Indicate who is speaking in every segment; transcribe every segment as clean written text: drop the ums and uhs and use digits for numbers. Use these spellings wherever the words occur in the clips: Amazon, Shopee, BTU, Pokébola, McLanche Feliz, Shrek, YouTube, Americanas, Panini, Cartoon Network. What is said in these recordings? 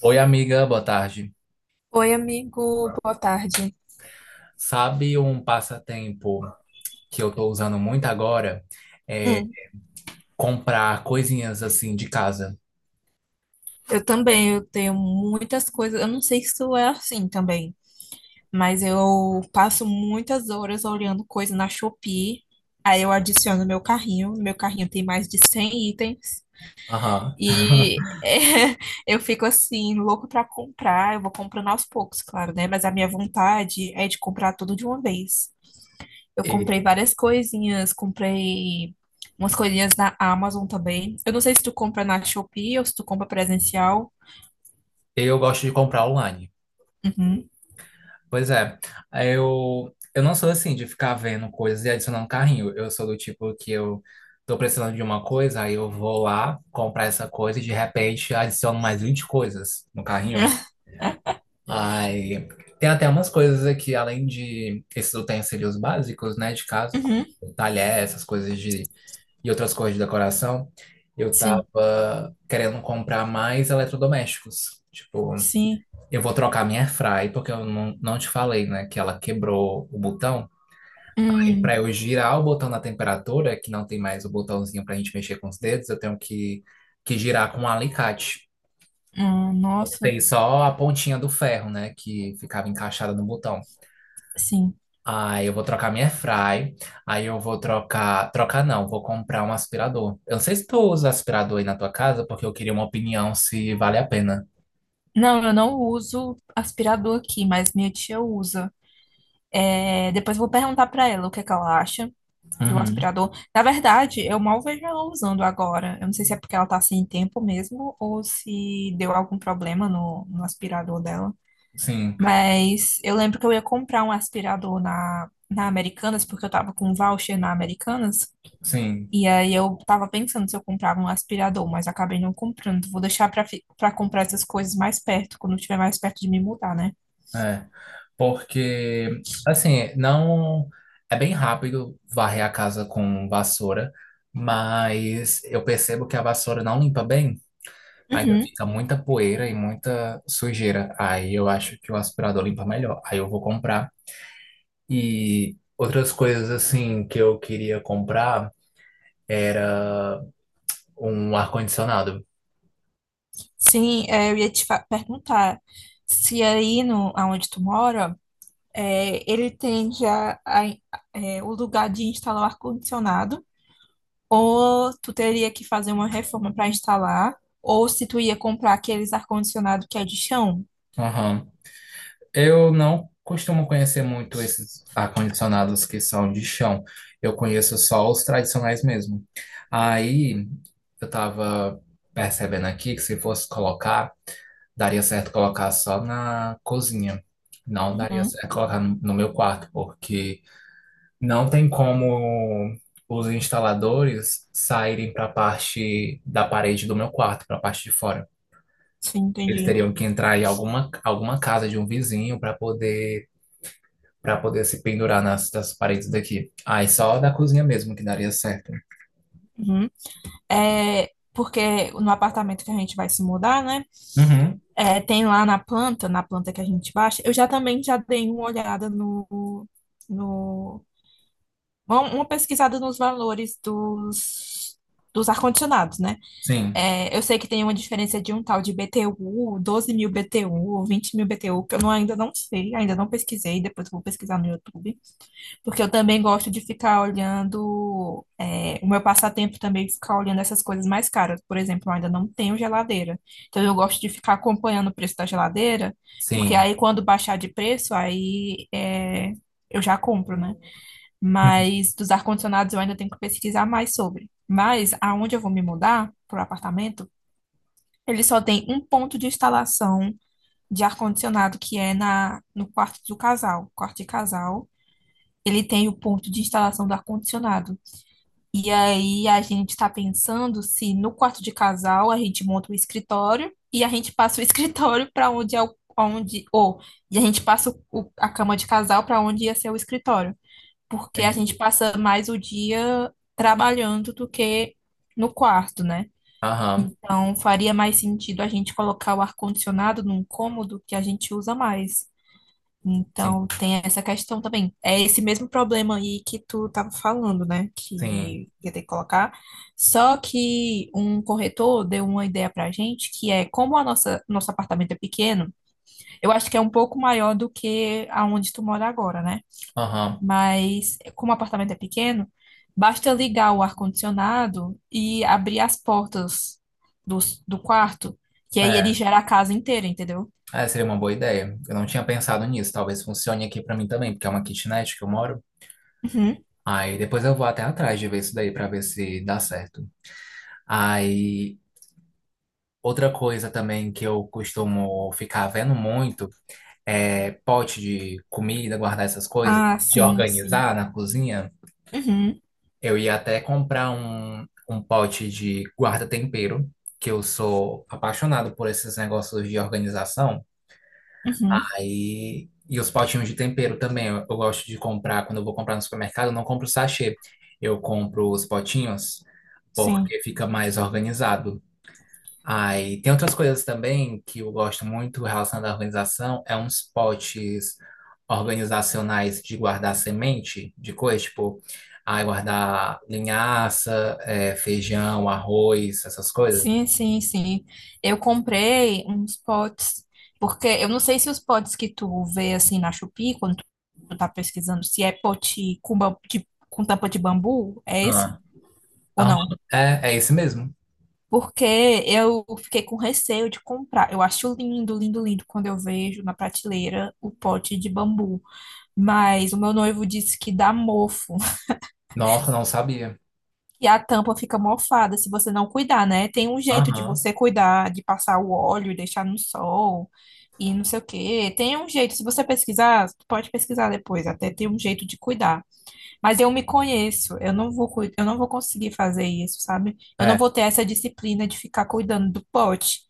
Speaker 1: Oi, amiga, boa tarde.
Speaker 2: Oi, amigo, boa tarde.
Speaker 1: Sabe um passatempo que eu tô usando muito agora? É
Speaker 2: Hum,
Speaker 1: comprar coisinhas assim de casa.
Speaker 2: Eu também, eu tenho muitas coisas, eu não sei se isso é assim também, mas eu passo muitas horas olhando coisa na Shopee, aí eu adiciono no meu carrinho tem mais de 100 itens,
Speaker 1: Aham.
Speaker 2: e eu fico assim, louco pra comprar, eu vou comprando aos poucos, claro, né? Mas a minha vontade é de comprar tudo de uma vez. Eu comprei
Speaker 1: E
Speaker 2: várias coisinhas, comprei umas coisinhas na Amazon também. Eu não sei se tu compra na Shopee ou se tu compra presencial.
Speaker 1: eu gosto de comprar online.
Speaker 2: Uhum.
Speaker 1: Pois é, eu não sou assim de ficar vendo coisas e adicionando carrinho. Eu sou do tipo que eu tô precisando de uma coisa, aí eu vou lá comprar essa coisa e de repente adiciono mais 20 coisas no carrinho. Ai, tem até umas coisas aqui, além de esses utensílios básicos, né, de casa, como
Speaker 2: Uhum.
Speaker 1: talher, essas coisas de, e outras coisas de decoração, eu
Speaker 2: Sim,
Speaker 1: tava querendo comprar mais eletrodomésticos. Tipo,
Speaker 2: sim.
Speaker 1: eu vou trocar minha airfry, porque eu não te falei, né, que ela quebrou o botão. Aí,
Speaker 2: Hum,
Speaker 1: pra eu girar o botão da temperatura, que não tem mais o botãozinho pra gente mexer com os dedos, que girar com um alicate.
Speaker 2: nossa,
Speaker 1: Tem só a pontinha do ferro, né, que ficava encaixada no botão.
Speaker 2: sim.
Speaker 1: Aí eu vou trocar minha fry. Aí eu vou trocar. Trocar não, vou comprar um aspirador. Eu não sei se tu usa aspirador aí na tua casa, porque eu queria uma opinião se vale a pena.
Speaker 2: Não, eu não uso aspirador aqui, mas minha tia usa. É, depois eu vou perguntar pra ela o que é que ela acha do
Speaker 1: Uhum.
Speaker 2: aspirador. Na verdade, eu mal vejo ela usando agora. Eu não sei se é porque ela tá sem tempo mesmo ou se deu algum problema no aspirador dela.
Speaker 1: Sim,
Speaker 2: Mas eu lembro que eu ia comprar um aspirador na Americanas, porque eu tava com um voucher na Americanas.
Speaker 1: sim.
Speaker 2: E aí eu tava pensando se eu comprava um aspirador, mas acabei não comprando. Vou deixar pra comprar essas coisas mais perto, quando estiver mais perto de me mudar, né?
Speaker 1: É. Porque, assim, não. É bem rápido varrer a casa com vassoura, mas eu percebo que a vassoura não limpa bem. Ainda
Speaker 2: Uhum.
Speaker 1: fica muita poeira e muita sujeira. Aí eu acho que o aspirador limpa melhor. Aí eu vou comprar. E outras coisas assim que eu queria comprar era um ar-condicionado.
Speaker 2: Sim, é, eu ia te perguntar se aí no, aonde tu mora, é, ele tem já é, o lugar de instalar o ar-condicionado. Ou tu teria que fazer uma reforma para instalar, ou se tu ia comprar aqueles ar-condicionado que é de chão.
Speaker 1: Aham. Eu não costumo conhecer muito esses ar-condicionados que são de chão. Eu conheço só os tradicionais mesmo. Aí eu tava percebendo aqui que se fosse colocar, daria certo colocar só na cozinha. Não daria
Speaker 2: Uhum,
Speaker 1: certo colocar no meu quarto, porque não tem como os instaladores saírem para a parte da parede do meu quarto, para a parte de fora.
Speaker 2: sim,
Speaker 1: Eles
Speaker 2: entendi.
Speaker 1: teriam que entrar em alguma casa de um vizinho para poder se pendurar nas paredes daqui. Aí só da cozinha mesmo que daria certo.
Speaker 2: Uhum. É, porque no apartamento que a gente vai se mudar, né?
Speaker 1: Uhum,
Speaker 2: É, tem lá na planta que a gente baixa, eu já também já dei uma olhada no uma pesquisada nos valores dos ar-condicionados, né?
Speaker 1: sim,
Speaker 2: É, eu sei que tem uma diferença de um tal de BTU, 12.000 BTU, 20.000 BTU, que eu ainda não sei, ainda não pesquisei, depois eu vou pesquisar no YouTube, porque eu também gosto de ficar olhando, é, o meu passatempo também é ficar olhando essas coisas mais caras. Por exemplo, eu ainda não tenho geladeira, então eu gosto de ficar acompanhando o preço da geladeira, porque
Speaker 1: sim.
Speaker 2: aí quando baixar de preço, aí é, eu já compro, né?
Speaker 1: Uhum.
Speaker 2: Mas dos ar-condicionados eu ainda tenho que pesquisar mais sobre. Mas aonde eu vou me mudar, para o apartamento, ele só tem um ponto de instalação de ar-condicionado, que é no quarto do casal. Quarto de casal, ele tem o ponto de instalação do ar-condicionado. E aí a gente está pensando se no quarto de casal a gente monta o escritório e a gente passa o escritório para onde é o. Onde, ou, e a gente passa a cama de casal para onde ia ser o escritório. Porque a gente
Speaker 1: Entendi.
Speaker 2: passa mais o dia trabalhando do que no quarto, né?
Speaker 1: Aham,
Speaker 2: Então, faria mais sentido a gente colocar o ar-condicionado num cômodo que a gente usa mais.
Speaker 1: sim,
Speaker 2: Então, tem essa questão também. É esse mesmo problema aí que tu estava falando, né?
Speaker 1: sim.
Speaker 2: Que ia ter que colocar. Só que um corretor deu uma ideia pra gente, que é como nosso apartamento é pequeno, eu acho que é um pouco maior do que aonde tu mora agora, né?
Speaker 1: Aham.
Speaker 2: Mas como o apartamento é pequeno, basta ligar o ar-condicionado e abrir as portas do, do quarto, que aí ele
Speaker 1: É,
Speaker 2: gera a casa inteira, entendeu?
Speaker 1: é, seria uma boa ideia. Eu não tinha pensado nisso. Talvez funcione aqui para mim também, porque é uma kitnet que eu moro.
Speaker 2: Uhum.
Speaker 1: Aí depois eu vou até atrás de ver isso daí para ver se dá certo. Aí outra coisa também que eu costumo ficar vendo muito é pote de comida, guardar essas coisas,
Speaker 2: Ah,
Speaker 1: de
Speaker 2: sim, sim.
Speaker 1: organizar na cozinha.
Speaker 2: Uhum,
Speaker 1: Eu ia até comprar um pote de guarda-tempero, que eu sou apaixonado por esses negócios de organização.
Speaker 2: uhum,
Speaker 1: Aí, e os potinhos de tempero também. Eu gosto de comprar, quando eu vou comprar no supermercado, eu não compro sachê. Eu compro os potinhos
Speaker 2: sim.
Speaker 1: porque fica mais organizado. Aí, tem outras coisas também que eu gosto muito relacionado à organização, é uns potes organizacionais de guardar semente de coisa, tipo, aí guardar linhaça, é, feijão, arroz, essas coisas.
Speaker 2: Sim, sim, sim. Eu comprei uns potes, porque eu não sei se os potes que tu vê assim na Shopee, quando tu tá pesquisando, se é pote com tampa de bambu, é esse
Speaker 1: Ah,
Speaker 2: ou
Speaker 1: aham.
Speaker 2: não?
Speaker 1: É, é esse mesmo.
Speaker 2: Porque eu fiquei com receio de comprar. Eu acho lindo, lindo, lindo quando eu vejo na prateleira o pote de bambu. Mas o meu noivo disse que dá mofo.
Speaker 1: Nossa, não sabia.
Speaker 2: E a tampa fica mofada se você não cuidar, né? Tem um jeito de
Speaker 1: Aham.
Speaker 2: você cuidar, de passar o óleo e deixar no sol e não sei o quê. Tem um jeito. Se você pesquisar, pode pesquisar depois. Até tem um jeito de cuidar. Mas eu me conheço, eu não vou conseguir fazer isso, sabe? Eu não
Speaker 1: É.
Speaker 2: vou ter essa disciplina de ficar cuidando do pote.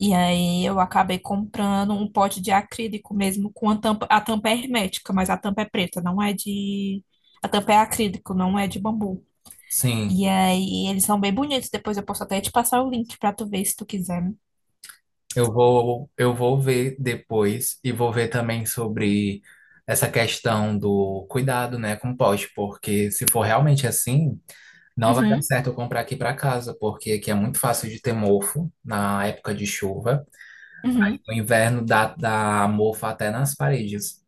Speaker 2: E aí eu acabei comprando um pote de acrílico mesmo com a tampa é hermética, mas a tampa é preta, não é de, a tampa é acrílico, não é de bambu.
Speaker 1: Sim,
Speaker 2: E aí eles são bem bonitos, depois eu posso até te passar o link pra tu ver se tu quiser.
Speaker 1: eu vou ver depois e vou ver também sobre essa questão do cuidado, né, com o poste, porque se for realmente assim, não vai dar
Speaker 2: Uhum,
Speaker 1: certo eu comprar aqui para casa, porque aqui é muito fácil de ter mofo na época de chuva.
Speaker 2: uhum,
Speaker 1: No inverno dá mofo até nas paredes.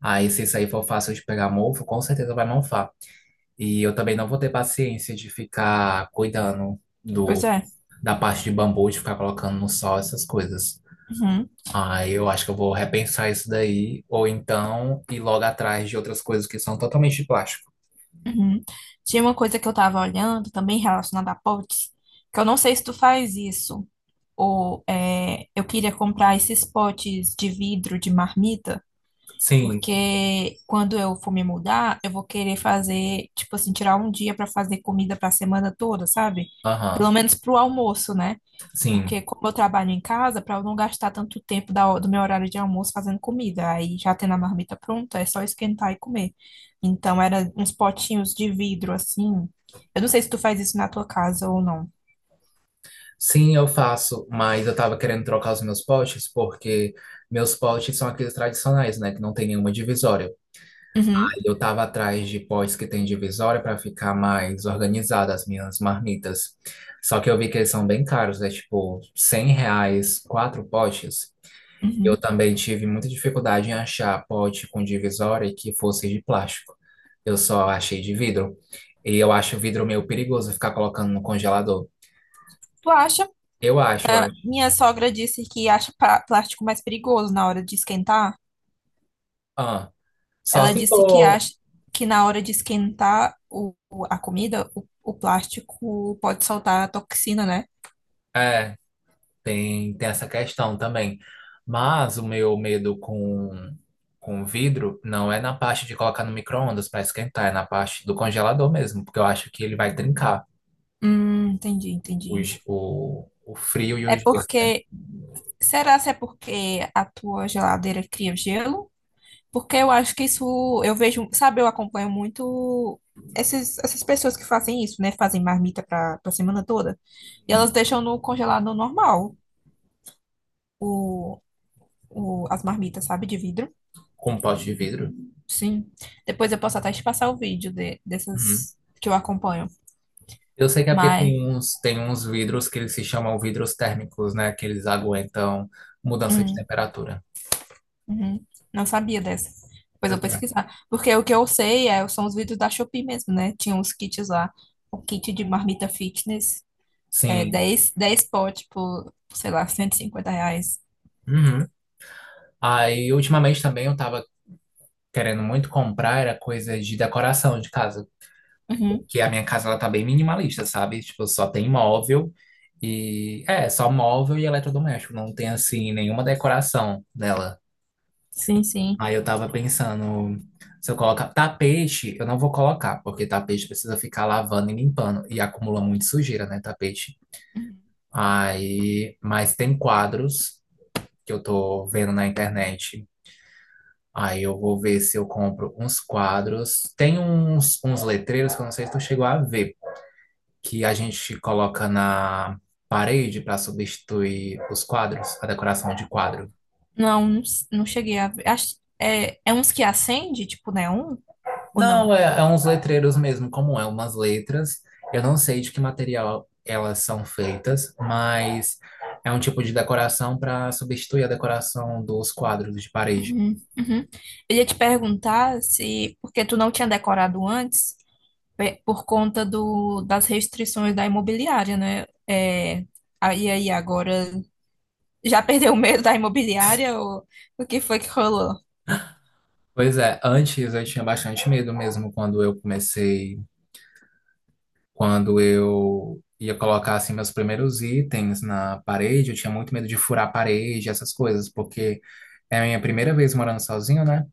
Speaker 1: Aí, se isso aí for fácil de pegar mofo, com certeza vai mofar. E eu também não vou ter paciência de ficar cuidando
Speaker 2: pois é.
Speaker 1: da parte de bambu, de ficar colocando no sol essas coisas.
Speaker 2: Uhum.
Speaker 1: Ah, eu acho que eu vou repensar isso daí, ou então ir logo atrás de outras coisas que são totalmente de plástico.
Speaker 2: Uhum. Tinha uma coisa que eu tava olhando também relacionada a potes, que eu não sei se tu faz isso, ou é, eu queria comprar esses potes de vidro de marmita,
Speaker 1: Sim,
Speaker 2: porque quando eu for me mudar, eu vou querer fazer, tipo assim, tirar um dia pra fazer comida pra semana toda, sabe? Pelo
Speaker 1: aham,
Speaker 2: menos pro almoço, né?
Speaker 1: sim.
Speaker 2: Porque como eu trabalho em casa, para eu não gastar tanto tempo do meu horário de almoço fazendo comida, aí já tendo a marmita pronta, é só esquentar e comer. Então era uns potinhos de vidro assim. Eu não sei se tu faz isso na tua casa ou não.
Speaker 1: Sim, eu faço, mas eu tava querendo trocar os meus potes porque meus potes são aqueles tradicionais, né, que não tem nenhuma divisória.
Speaker 2: Uhum,
Speaker 1: Eu estava atrás de pós que tem divisória para ficar mais organizada as minhas marmitas. Só que eu vi que eles são bem caros, é tipo R$ 100, 4 potes. Eu
Speaker 2: uhum.
Speaker 1: também tive muita dificuldade em achar pote com divisória que fosse de plástico. Eu só achei de vidro. E eu acho o vidro meio perigoso ficar colocando no congelador.
Speaker 2: Tu acha?
Speaker 1: Eu acho.
Speaker 2: Minha sogra disse que acha plástico mais perigoso na hora de esquentar.
Speaker 1: Ah, só
Speaker 2: Ela
Speaker 1: se
Speaker 2: disse que
Speaker 1: for.
Speaker 2: acha que na hora de esquentar a comida, o plástico pode soltar a toxina, né?
Speaker 1: É, tem essa questão também. Mas o meu medo com vidro não é na parte de colocar no micro-ondas para esquentar, é na parte do congelador mesmo, porque eu acho que ele vai trincar
Speaker 2: Entendi, entendi.
Speaker 1: o frio e
Speaker 2: É
Speaker 1: o gelo
Speaker 2: porque. Será se é porque a tua geladeira cria gelo? Porque eu acho que isso, eu vejo, sabe, eu acompanho muito essas pessoas que fazem isso, né? Fazem marmita para a semana toda. E elas deixam no congelado normal o, as marmitas, sabe, de vidro.
Speaker 1: com um pote de vidro.
Speaker 2: Sim. Depois eu posso até te passar o vídeo
Speaker 1: Uhum.
Speaker 2: dessas que eu acompanho.
Speaker 1: Eu sei que é porque
Speaker 2: Mas,
Speaker 1: tem uns vidros que eles se chamam vidros térmicos, né? Que eles aguentam mudança de
Speaker 2: hum.
Speaker 1: temperatura.
Speaker 2: Uhum. Não sabia dessa. Depois eu vou
Speaker 1: Pois é.
Speaker 2: pesquisar. Porque o que eu sei é, são os vídeos da Shopee mesmo, né? Tinha uns kits lá. O kit de marmita fitness. É
Speaker 1: Sim.
Speaker 2: dez potes por, sei lá, R$ 150.
Speaker 1: Uhum. Aí, ultimamente também eu tava querendo muito comprar, era coisa de decoração de casa.
Speaker 2: Uhum.
Speaker 1: Que a minha casa ela tá bem minimalista, sabe? Tipo, só tem móvel e é, só móvel e eletrodoméstico, não tem assim nenhuma decoração dela.
Speaker 2: Sim, sim.
Speaker 1: Aí eu tava pensando, se eu colocar tapete, eu não vou colocar, porque tapete precisa ficar lavando e limpando e acumula muito sujeira, né, tapete.
Speaker 2: Uhum.
Speaker 1: Aí, mas tem quadros que eu tô vendo na internet. Aí eu vou ver se eu compro uns quadros. Tem uns letreiros que eu não sei se tu chegou a ver, que a gente coloca na parede para substituir os quadros, a decoração de quadro.
Speaker 2: Não, não, não cheguei a ver. Acho, é uns que acende, tipo neon? Ou
Speaker 1: Não,
Speaker 2: não?
Speaker 1: é, é uns letreiros mesmo, como é, umas letras. Eu não sei de que material elas são feitas, mas é um tipo de decoração para substituir a decoração dos quadros de parede.
Speaker 2: Uhum. Uhum. Eu ia te perguntar se... Porque tu não tinha decorado antes. Por conta das restrições da imobiliária, né? É, aí, agora, já perdeu o medo da imobiliária ou o que foi que rolou?
Speaker 1: Pois é, antes eu tinha bastante medo mesmo quando eu comecei, quando eu ia colocar assim meus primeiros itens na parede, eu tinha muito medo de furar a parede, essas coisas, porque é a minha primeira vez morando sozinho, né?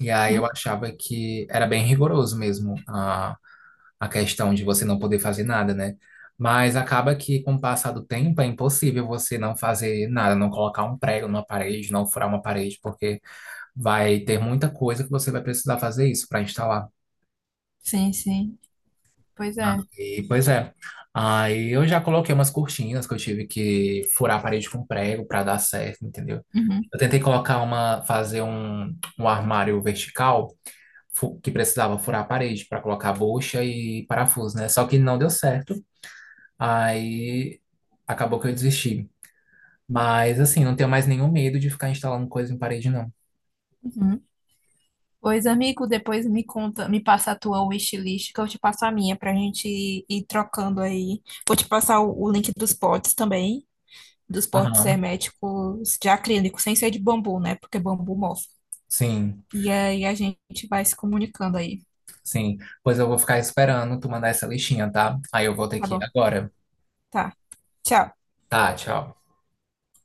Speaker 1: E aí eu
Speaker 2: Hum?
Speaker 1: achava que era bem rigoroso mesmo a questão de você não poder fazer nada, né? Mas acaba que com o passar do tempo é impossível você não fazer nada, não colocar um prego numa parede, não furar uma parede, porque vai ter muita coisa que você vai precisar fazer isso para instalar.
Speaker 2: Sim, sim. Pois é.
Speaker 1: Pois é. Aí eu já coloquei umas cortinas que eu tive que furar a parede com prego para dar certo, entendeu?
Speaker 2: Uhum,
Speaker 1: Eu tentei colocar uma, fazer um armário vertical que precisava furar a parede para colocar bucha e parafuso, né? Só que não deu certo. Aí acabou que eu desisti. Mas assim, não tenho mais nenhum medo de ficar instalando coisa em parede, não.
Speaker 2: uhum. Pois, amigo, depois me conta, me passa a tua wishlist, que eu te passo a minha, pra gente ir trocando aí. Vou te passar o link dos potes também, dos potes
Speaker 1: Aham,
Speaker 2: herméticos de acrílico, sem ser de bambu, né? Porque bambu mofa.
Speaker 1: sim,
Speaker 2: E aí a gente vai se comunicando aí.
Speaker 1: sim. Pois eu vou ficar esperando tu mandar essa listinha, tá? Aí eu vou ter
Speaker 2: Tá
Speaker 1: que ir
Speaker 2: bom?
Speaker 1: agora.
Speaker 2: Tá. Tchau.
Speaker 1: Tá, tchau.